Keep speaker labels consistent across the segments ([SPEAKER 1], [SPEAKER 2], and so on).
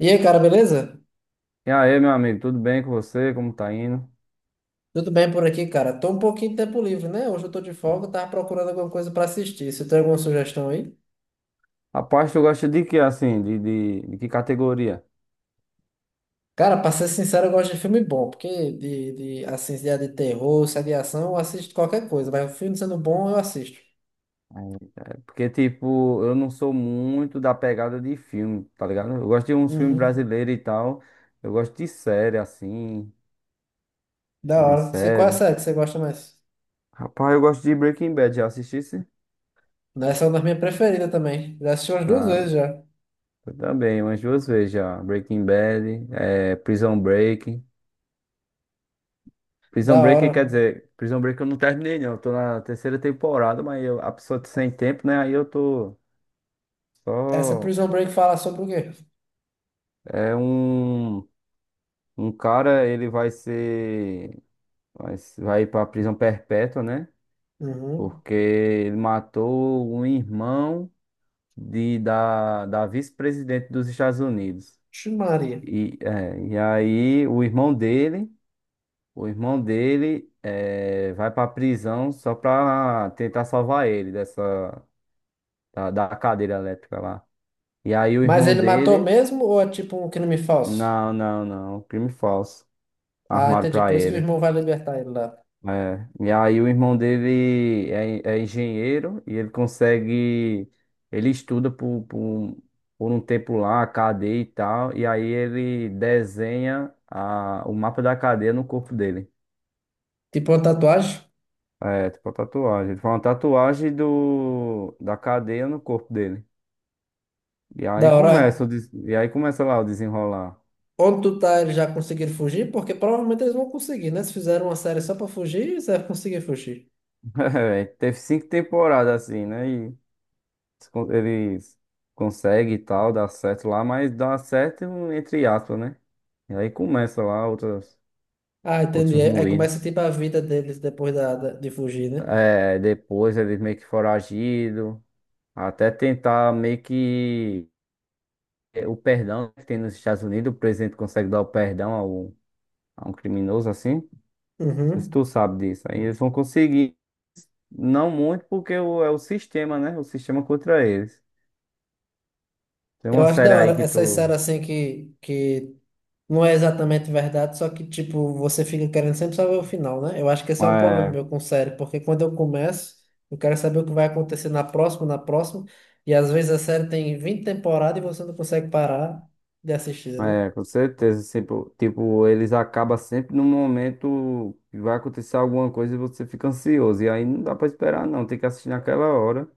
[SPEAKER 1] E aí, cara, beleza?
[SPEAKER 2] E aí, meu amigo, tudo bem com você? Como tá indo?
[SPEAKER 1] Tudo bem por aqui, cara? Tô um pouquinho de tempo livre, né? Hoje eu tô de folga, tava procurando alguma coisa pra assistir. Você tem alguma sugestão aí?
[SPEAKER 2] Rapaz, tu gosta de que, assim, de que categoria?
[SPEAKER 1] Cara, pra ser sincero, eu gosto de filme bom, porque de assim, se é de terror, se é de ação, eu assisto qualquer coisa, mas o filme sendo bom, eu assisto.
[SPEAKER 2] É. Porque, tipo, eu não sou muito da pegada de filme, tá ligado? Eu gosto de uns filmes
[SPEAKER 1] Uhum.
[SPEAKER 2] brasileiros e tal. Eu gosto de série, assim,
[SPEAKER 1] Da
[SPEAKER 2] uma
[SPEAKER 1] hora. Você, qual é a
[SPEAKER 2] série.
[SPEAKER 1] série que você gosta mais?
[SPEAKER 2] Rapaz, eu gosto de Breaking Bad, já assistisse?
[SPEAKER 1] Essa é uma das minhas preferidas também. Já assisti umas duas vezes
[SPEAKER 2] Ah,
[SPEAKER 1] já.
[SPEAKER 2] eu também, umas duas vezes já. Breaking Bad, é, Prison Break. Prison
[SPEAKER 1] Da
[SPEAKER 2] Break quer
[SPEAKER 1] hora.
[SPEAKER 2] dizer, Prison Break eu não terminei, não. Eu tô na terceira temporada, mas eu, a pessoa tá sem tempo, né? Aí eu tô. Só
[SPEAKER 1] Essa Prison Break fala sobre o quê?
[SPEAKER 2] é um cara, ele vai ser, vai, se- vai ir prisão perpétua, né?
[SPEAKER 1] Uhum.
[SPEAKER 2] Porque ele matou um irmão da vice-presidente dos Estados Unidos.
[SPEAKER 1] Ixi, Maria.
[SPEAKER 2] E aí o irmão dele vai pra prisão só para tentar salvar ele dessa, da cadeira elétrica lá. E aí o
[SPEAKER 1] Mas
[SPEAKER 2] irmão
[SPEAKER 1] ele matou
[SPEAKER 2] dele.
[SPEAKER 1] mesmo ou é tipo um crime falso?
[SPEAKER 2] Não, não, não, crime falso,
[SPEAKER 1] Ah,
[SPEAKER 2] armaram
[SPEAKER 1] entendi.
[SPEAKER 2] para
[SPEAKER 1] Por isso que o
[SPEAKER 2] ele.
[SPEAKER 1] irmão vai libertar ele lá.
[SPEAKER 2] É, e aí o irmão dele é, engenheiro e ele consegue, ele estuda por um tempo lá, a cadeia e tal, e aí ele desenha o mapa da cadeia no corpo dele.
[SPEAKER 1] Tipo uma tatuagem.
[SPEAKER 2] É, tipo a tatuagem. Ele faz uma tatuagem da cadeia no corpo dele. E
[SPEAKER 1] Da
[SPEAKER 2] aí
[SPEAKER 1] hora.
[SPEAKER 2] começa lá o desenrolar.
[SPEAKER 1] Onde tu tá, eles já conseguiram fugir? Porque provavelmente eles vão conseguir, né? Se fizeram uma série só pra fugir, eles devem conseguir fugir.
[SPEAKER 2] É, teve cinco temporadas assim, né? se con- eles conseguem e tal, dá certo lá, mas dá certo entre aspas, né? E aí começa lá outras,
[SPEAKER 1] Ah, entendi.
[SPEAKER 2] outros
[SPEAKER 1] Aí começa
[SPEAKER 2] moídos.
[SPEAKER 1] tipo a vida deles depois de fugir, né?
[SPEAKER 2] É, depois eles meio que foragido, até tentar meio que o perdão que tem nos Estados Unidos, o presidente consegue dar o perdão ao, a um criminoso assim. Se
[SPEAKER 1] Uhum.
[SPEAKER 2] tu sabe disso, aí eles vão conseguir. Não muito, porque é o sistema, né? O sistema contra eles. Tem
[SPEAKER 1] Eu
[SPEAKER 2] uma
[SPEAKER 1] acho
[SPEAKER 2] série
[SPEAKER 1] da hora
[SPEAKER 2] aí que
[SPEAKER 1] essas
[SPEAKER 2] tu
[SPEAKER 1] séries assim que não é exatamente verdade, só que, tipo, você fica querendo sempre saber o final, né? Eu acho que esse é o problema
[SPEAKER 2] é.
[SPEAKER 1] meu com série, porque quando eu começo, eu quero saber o que vai acontecer na próxima, e às vezes a série tem 20 temporadas e você não consegue parar de assistir, né?
[SPEAKER 2] É, com certeza. Sempre, tipo, eles acabam sempre no momento que vai acontecer alguma coisa e você fica ansioso. E aí não dá pra esperar, não. Tem que assistir naquela hora.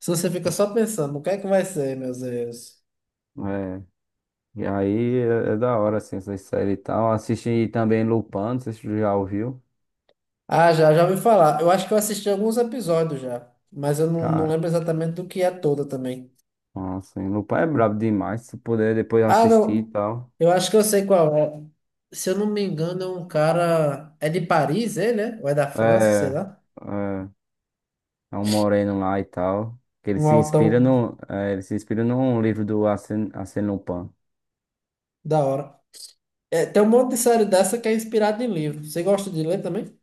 [SPEAKER 1] Se você fica só pensando, o que é que vai ser, meus Deus?
[SPEAKER 2] É. E aí é, da hora, assim, essa série e tal. Assisti também Lupin, não sei se tu já ouviu.
[SPEAKER 1] Ah, já, já ouvi falar. Eu acho que eu assisti alguns episódios já, mas eu não, não
[SPEAKER 2] Cara,
[SPEAKER 1] lembro exatamente do que é toda também.
[SPEAKER 2] nossa, hein, Lupin é brabo demais. Se puder depois
[SPEAKER 1] Ah,
[SPEAKER 2] assistir e
[SPEAKER 1] não.
[SPEAKER 2] tal.
[SPEAKER 1] Eu acho que eu sei qual é. Se eu não me engano, é um cara. É de Paris, ele, né? Ou é da França, sei
[SPEAKER 2] É,
[SPEAKER 1] lá.
[SPEAKER 2] é, É um moreno lá e tal. Que ele
[SPEAKER 1] Um
[SPEAKER 2] se inspira
[SPEAKER 1] altão
[SPEAKER 2] no, é, ele se inspira num livro do Arsène Lupin.
[SPEAKER 1] da hora. É, tem um monte de série dessa que é inspirada em livro. Você gosta de ler também?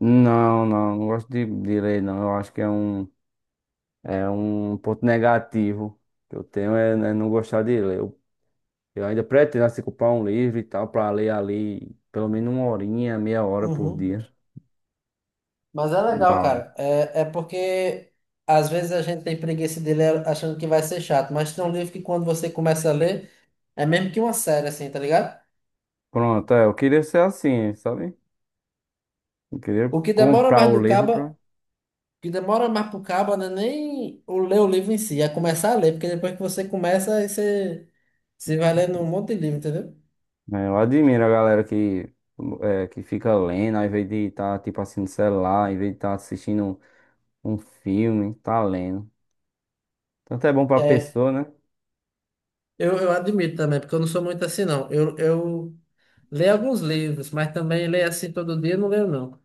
[SPEAKER 2] Não, não, não gosto de ler, não. Eu acho que é um ponto negativo que eu tenho é, né, não gostar de ler. Eu ainda pretendo assim, comprar um livro e tal para ler ali pelo menos uma horinha, meia hora por
[SPEAKER 1] Uhum.
[SPEAKER 2] dia.
[SPEAKER 1] Mas é legal,
[SPEAKER 2] Da hora.
[SPEAKER 1] cara. Porque às vezes a gente tem preguiça de ler achando que vai ser chato. Mas tem um livro que quando você começa a ler, é mesmo que uma série, assim, tá ligado?
[SPEAKER 2] Pronto, eu queria ser assim, sabe? Eu queria
[SPEAKER 1] O que demora
[SPEAKER 2] comprar
[SPEAKER 1] mais
[SPEAKER 2] o
[SPEAKER 1] do
[SPEAKER 2] livro pra.
[SPEAKER 1] cabo que demora mais pro cabo não é nem o ler o livro em si, é começar a ler, porque depois que você começa, você vai lendo um monte de livro, entendeu?
[SPEAKER 2] Né, eu admiro a galera que, fica lendo, ao invés de estar tipo assim no celular, ao invés de estar assistindo um filme, tá lendo. Tanto é bom pra
[SPEAKER 1] É,
[SPEAKER 2] pessoa, né?
[SPEAKER 1] eu admito também, porque eu não sou muito assim, não. Eu leio alguns livros, mas também leio assim todo dia, eu não leio, não.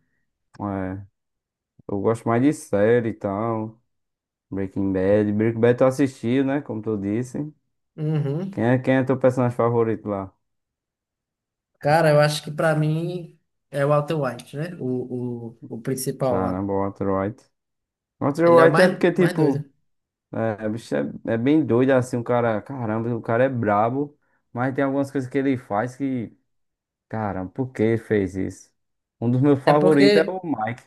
[SPEAKER 2] É. Eu gosto mais de série e tal. Breaking Bad. Breaking Bad tu assistiu, né? Como tu disse.
[SPEAKER 1] Uhum.
[SPEAKER 2] Quem é teu personagem favorito lá?
[SPEAKER 1] Cara, eu acho que pra mim é o Walter White, né? O principal lá.
[SPEAKER 2] Caramba, o Walter White. Walter
[SPEAKER 1] Ele é o
[SPEAKER 2] White é
[SPEAKER 1] mais,
[SPEAKER 2] porque,
[SPEAKER 1] mais doido.
[SPEAKER 2] tipo, o bicho é, bem doido assim, o cara. Caramba, o cara é brabo. Mas tem algumas coisas que ele faz que. Caramba, por que ele fez isso? Um dos meus
[SPEAKER 1] É
[SPEAKER 2] favoritos é o
[SPEAKER 1] porque.
[SPEAKER 2] Mike,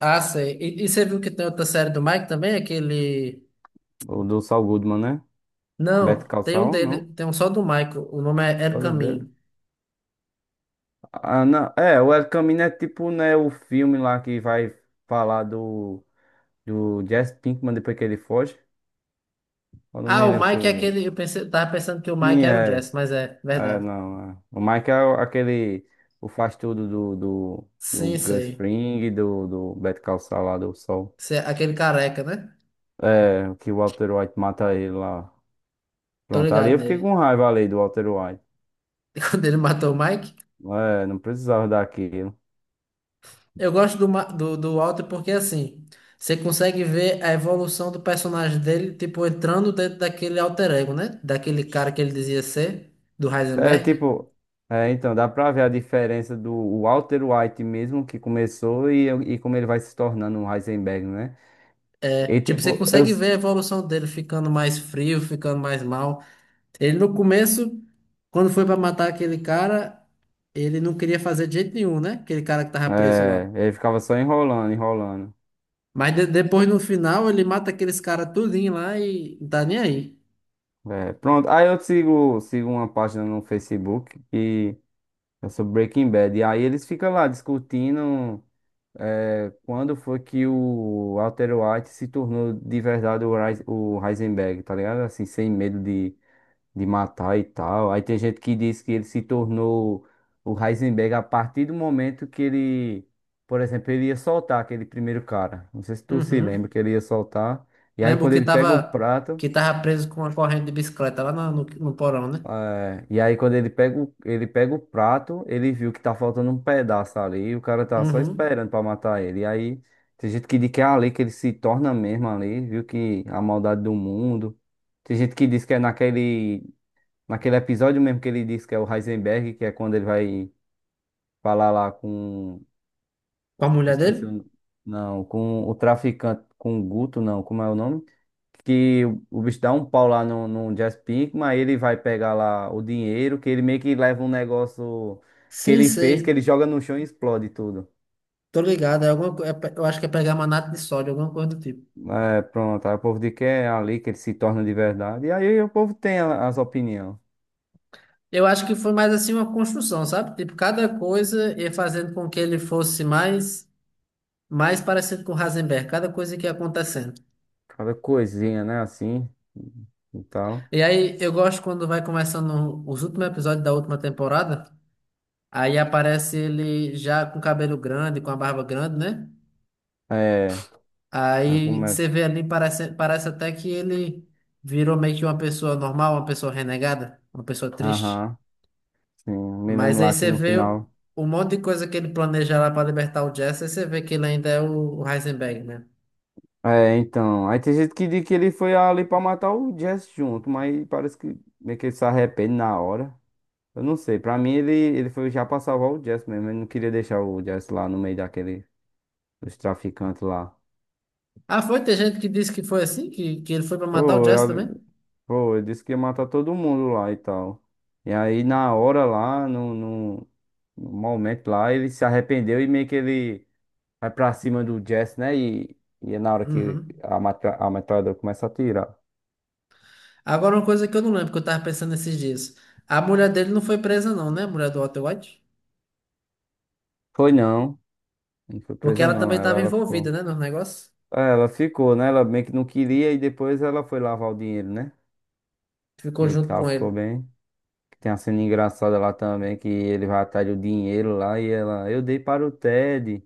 [SPEAKER 1] Ah, sei. E você viu que tem outra série do Mike também? Aquele.
[SPEAKER 2] o do Saul Goodman, né? Better
[SPEAKER 1] Não,
[SPEAKER 2] Call
[SPEAKER 1] tem um
[SPEAKER 2] Saul,
[SPEAKER 1] dele,
[SPEAKER 2] não?
[SPEAKER 1] tem um só do Michael. O nome é Era o
[SPEAKER 2] Todo dele.
[SPEAKER 1] Caminho.
[SPEAKER 2] Ah, não. É, o El Camino é tipo, né, o filme lá que vai falar do. Do Jesse Pinkman depois que ele foge. Eu não
[SPEAKER 1] Ah,
[SPEAKER 2] me
[SPEAKER 1] o
[SPEAKER 2] lembro se
[SPEAKER 1] Mike é
[SPEAKER 2] o.
[SPEAKER 1] aquele. Eu pensei, tava pensando que o Mike
[SPEAKER 2] Sim,
[SPEAKER 1] era o
[SPEAKER 2] é.
[SPEAKER 1] Jess, mas é
[SPEAKER 2] É,
[SPEAKER 1] verdade.
[SPEAKER 2] não. É. O Mike é aquele. O faz tudo do
[SPEAKER 1] Sim,
[SPEAKER 2] Gus
[SPEAKER 1] sei.
[SPEAKER 2] Fring, do Better Call Saul lá do Sol.
[SPEAKER 1] Esse é aquele careca, né?
[SPEAKER 2] É, que o Walter White mata ele lá.
[SPEAKER 1] Tô
[SPEAKER 2] Pronto, ali
[SPEAKER 1] ligado
[SPEAKER 2] eu fiquei
[SPEAKER 1] nele.
[SPEAKER 2] com raiva ali do Walter White.
[SPEAKER 1] Quando ele matou o Mike.
[SPEAKER 2] É, não precisava daquilo.
[SPEAKER 1] Eu gosto do Walter porque assim, você consegue ver a evolução do personagem dele, tipo, entrando dentro daquele alter ego, né? Daquele cara que ele dizia ser, do
[SPEAKER 2] É
[SPEAKER 1] Heisenberg.
[SPEAKER 2] tipo. É, então, dá pra ver a diferença do Walter White mesmo que começou e como ele vai se tornando um Heisenberg, né?
[SPEAKER 1] É,
[SPEAKER 2] E
[SPEAKER 1] tipo, você
[SPEAKER 2] tipo, eu.
[SPEAKER 1] consegue ver a evolução dele ficando mais frio, ficando mais mal. Ele no começo, quando foi pra matar aquele cara, ele não queria fazer de jeito nenhum, né? Aquele cara que tava preso lá.
[SPEAKER 2] É, ele ficava só enrolando, enrolando.
[SPEAKER 1] Mas depois no final ele mata aqueles caras tudinho lá e não tá nem aí.
[SPEAKER 2] É, pronto. Aí eu sigo uma página no Facebook e é sobre Breaking Bad. E aí eles ficam lá discutindo quando foi que o Walter White se tornou de verdade o Heisenberg, tá ligado? Assim, sem medo de matar e tal. Aí tem gente que diz que ele se tornou o Heisenberg a partir do momento que ele, por exemplo, ele ia soltar aquele primeiro cara. Não sei se tu se lembra
[SPEAKER 1] Uhum.
[SPEAKER 2] que ele ia soltar. E aí
[SPEAKER 1] Lembro
[SPEAKER 2] quando ele pega o prato,
[SPEAKER 1] que tava preso com uma corrente de bicicleta lá no porão, né?
[SPEAKER 2] e aí quando ele pega o prato, ele viu que tá faltando um pedaço ali, e o cara tá só
[SPEAKER 1] Uhum.
[SPEAKER 2] esperando pra matar ele. E aí tem gente que diz que é ali que ele se torna mesmo ali, viu que a maldade do mundo. Tem gente que diz que é naquele episódio mesmo que ele disse que é o Heisenberg, que é quando ele vai falar lá com.
[SPEAKER 1] Com a mulher dele?
[SPEAKER 2] Esqueci o. Não, com o traficante, com o Guto, não, como é o nome? Que o bicho dá um pau lá no Jazz Pinkman, aí ele vai pegar lá o dinheiro, que ele meio que leva um negócio que
[SPEAKER 1] Sim,
[SPEAKER 2] ele fez, que ele
[SPEAKER 1] sei.
[SPEAKER 2] joga no chão e explode tudo.
[SPEAKER 1] Tô ligado. É alguma, co- é pe- eu acho que é pegar manato de sódio, alguma coisa do tipo.
[SPEAKER 2] É, pronto, aí o povo diz que é ali que ele se torna de verdade. E aí o povo tem as opiniões.
[SPEAKER 1] Eu acho que foi mais assim uma construção, sabe? Tipo, cada coisa ia fazendo com que ele fosse mais parecido com Heisenberg, cada coisa que ia acontecendo.
[SPEAKER 2] Cada coisinha, né? Assim e tal.
[SPEAKER 1] E aí eu gosto quando vai começando os últimos episódios da última temporada, aí aparece ele já com cabelo grande, com a barba grande, né?
[SPEAKER 2] É, aí
[SPEAKER 1] Aí você
[SPEAKER 2] começa.
[SPEAKER 1] vê ali, parece até que ele virou meio que uma pessoa normal, uma pessoa renegada, uma pessoa triste.
[SPEAKER 2] Aham, sim, me
[SPEAKER 1] Mas
[SPEAKER 2] lembro
[SPEAKER 1] aí
[SPEAKER 2] lá que
[SPEAKER 1] você
[SPEAKER 2] no
[SPEAKER 1] vê
[SPEAKER 2] final.
[SPEAKER 1] o monte de coisa que ele planeja lá para libertar o Jesse, aí você vê que ele ainda é o Heisenberg, né?
[SPEAKER 2] É, então. Aí tem gente que diz que ele foi ali pra matar o Jess junto, mas parece que meio que ele se arrepende na hora. Eu não sei, pra mim ele foi já pra salvar o Jess mesmo. Ele não queria deixar o Jess lá no meio daquele, dos traficantes lá.
[SPEAKER 1] Ah, foi? Tem gente que disse que foi assim, que ele foi para matar o
[SPEAKER 2] Pô,
[SPEAKER 1] Jesse também?
[SPEAKER 2] eu, Pô, ele disse que ia matar todo mundo lá e tal. E aí na hora lá, no momento lá, ele se arrependeu e meio que ele. Vai pra cima do Jess, né? E é na hora que
[SPEAKER 1] Uhum.
[SPEAKER 2] a metralhadora começa a atirar.
[SPEAKER 1] Agora, uma coisa que eu não lembro, que eu tava pensando esses dias. A mulher dele não foi presa, não, né? A mulher do Walter White?
[SPEAKER 2] Foi não, não foi
[SPEAKER 1] Porque
[SPEAKER 2] presa
[SPEAKER 1] ela
[SPEAKER 2] não,
[SPEAKER 1] também tava
[SPEAKER 2] ela
[SPEAKER 1] envolvida,
[SPEAKER 2] ficou.
[SPEAKER 1] né, no negócio.
[SPEAKER 2] É, ela ficou, né? Ela meio que não queria e depois ela foi lavar o dinheiro, né?
[SPEAKER 1] Ficou
[SPEAKER 2] E
[SPEAKER 1] junto
[SPEAKER 2] tal,
[SPEAKER 1] com
[SPEAKER 2] ficou
[SPEAKER 1] ele.
[SPEAKER 2] bem. Tem uma cena engraçada lá também, que ele vai atrás do dinheiro lá e ela, eu dei para o Ted.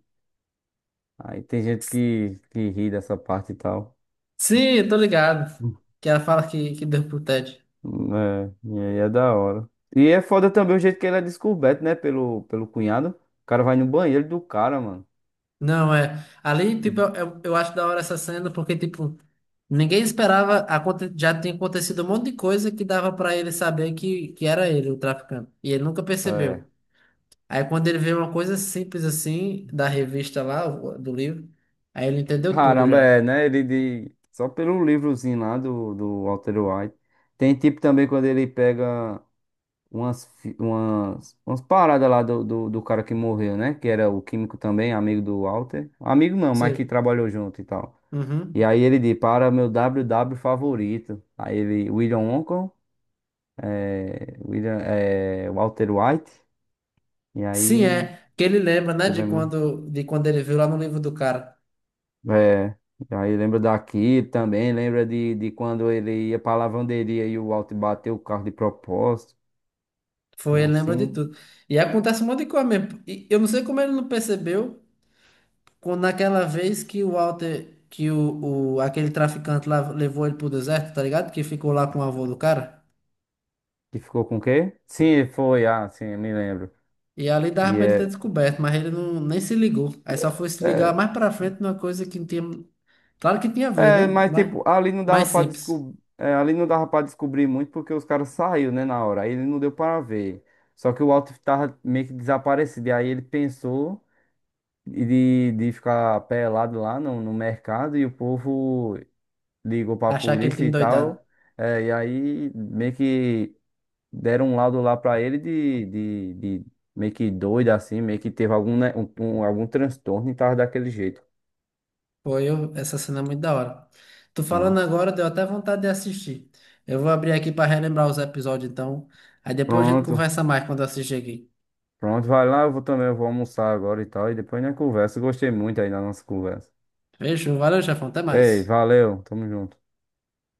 [SPEAKER 2] Aí tem gente que ri dessa parte e tal.
[SPEAKER 1] Sim, eu tô ligado. Que ela fala que deu pro Ted.
[SPEAKER 2] Hum. É, e aí é da hora. E é foda também o jeito que ele é descoberto, né? Pelo cunhado. O cara vai no banheiro do cara, mano.
[SPEAKER 1] Não, é. Ali, tipo, eu acho da hora essa cena, porque, tipo, ninguém esperava. Já tinha acontecido um monte de coisa que dava pra ele saber que era ele, o traficante. E ele nunca
[SPEAKER 2] É.
[SPEAKER 1] percebeu. Aí, quando ele vê uma coisa simples assim, da revista lá, do livro, aí ele entendeu tudo
[SPEAKER 2] Caramba,
[SPEAKER 1] já.
[SPEAKER 2] é, né? Ele de. Só pelo livrozinho lá do Walter White. Tem tipo também quando ele pega umas paradas lá do cara que morreu, né? Que era o químico também, amigo do Walter. Amigo não, mas que
[SPEAKER 1] Sei.
[SPEAKER 2] trabalhou junto e tal. E
[SPEAKER 1] Uhum.
[SPEAKER 2] aí ele diz, para meu WW favorito. Aí ele, William Wonka, é, William, é, Walter White. E
[SPEAKER 1] Sim,
[SPEAKER 2] aí.
[SPEAKER 1] é. Que ele lembra, né, de quando ele viu lá no livro do cara.
[SPEAKER 2] É, e aí lembra daqui também, lembra de quando ele ia pra lavanderia e o Alto bateu o carro de propósito, e
[SPEAKER 1] Foi, ele lembra de
[SPEAKER 2] assim,
[SPEAKER 1] tudo. E acontece um monte de coisa mesmo. E eu não sei como ele não percebeu quando naquela vez que o Walter, que o aquele traficante lá levou ele pro deserto, tá ligado? Que ficou lá com o avô do cara.
[SPEAKER 2] que ficou com o quê? Sim, foi, ah, sim, me lembro.
[SPEAKER 1] E ali dava
[SPEAKER 2] Que
[SPEAKER 1] pra ele ter
[SPEAKER 2] é,
[SPEAKER 1] descoberto, mas ele não, nem se ligou. Aí só foi se ligar
[SPEAKER 2] é,
[SPEAKER 1] mais pra frente numa coisa que não tinha. Claro que tinha a ver,
[SPEAKER 2] é,
[SPEAKER 1] né?
[SPEAKER 2] mas
[SPEAKER 1] Mas
[SPEAKER 2] tipo, ali não dava
[SPEAKER 1] mais
[SPEAKER 2] pra
[SPEAKER 1] simples.
[SPEAKER 2] descobrir, ali não dava para descobrir muito porque os caras saíram, né, na hora, aí ele não deu para ver. Só que o Alto tava meio que desaparecido, e aí ele pensou e de ficar pelado lá no mercado e o povo. Ligou pra
[SPEAKER 1] Achar que ele
[SPEAKER 2] polícia
[SPEAKER 1] tinha
[SPEAKER 2] e
[SPEAKER 1] endoidado.
[SPEAKER 2] tal. É, e aí meio que deram um laudo lá pra ele de meio que doido assim, meio que teve algum, né, algum transtorno e tava daquele jeito.
[SPEAKER 1] Foi eu, essa cena é muito da hora. Tu
[SPEAKER 2] Hum.
[SPEAKER 1] falando agora, deu até vontade de assistir. Eu vou abrir aqui pra relembrar os episódios então. Aí depois a gente
[SPEAKER 2] Pronto,
[SPEAKER 1] conversa mais quando eu assistir aqui.
[SPEAKER 2] pronto, vai lá, eu vou também, eu vou almoçar agora e tal. E depois na conversa, gostei muito aí da nossa conversa.
[SPEAKER 1] Beijo, valeu, chefão, até
[SPEAKER 2] Ei,
[SPEAKER 1] mais.
[SPEAKER 2] valeu, tamo junto.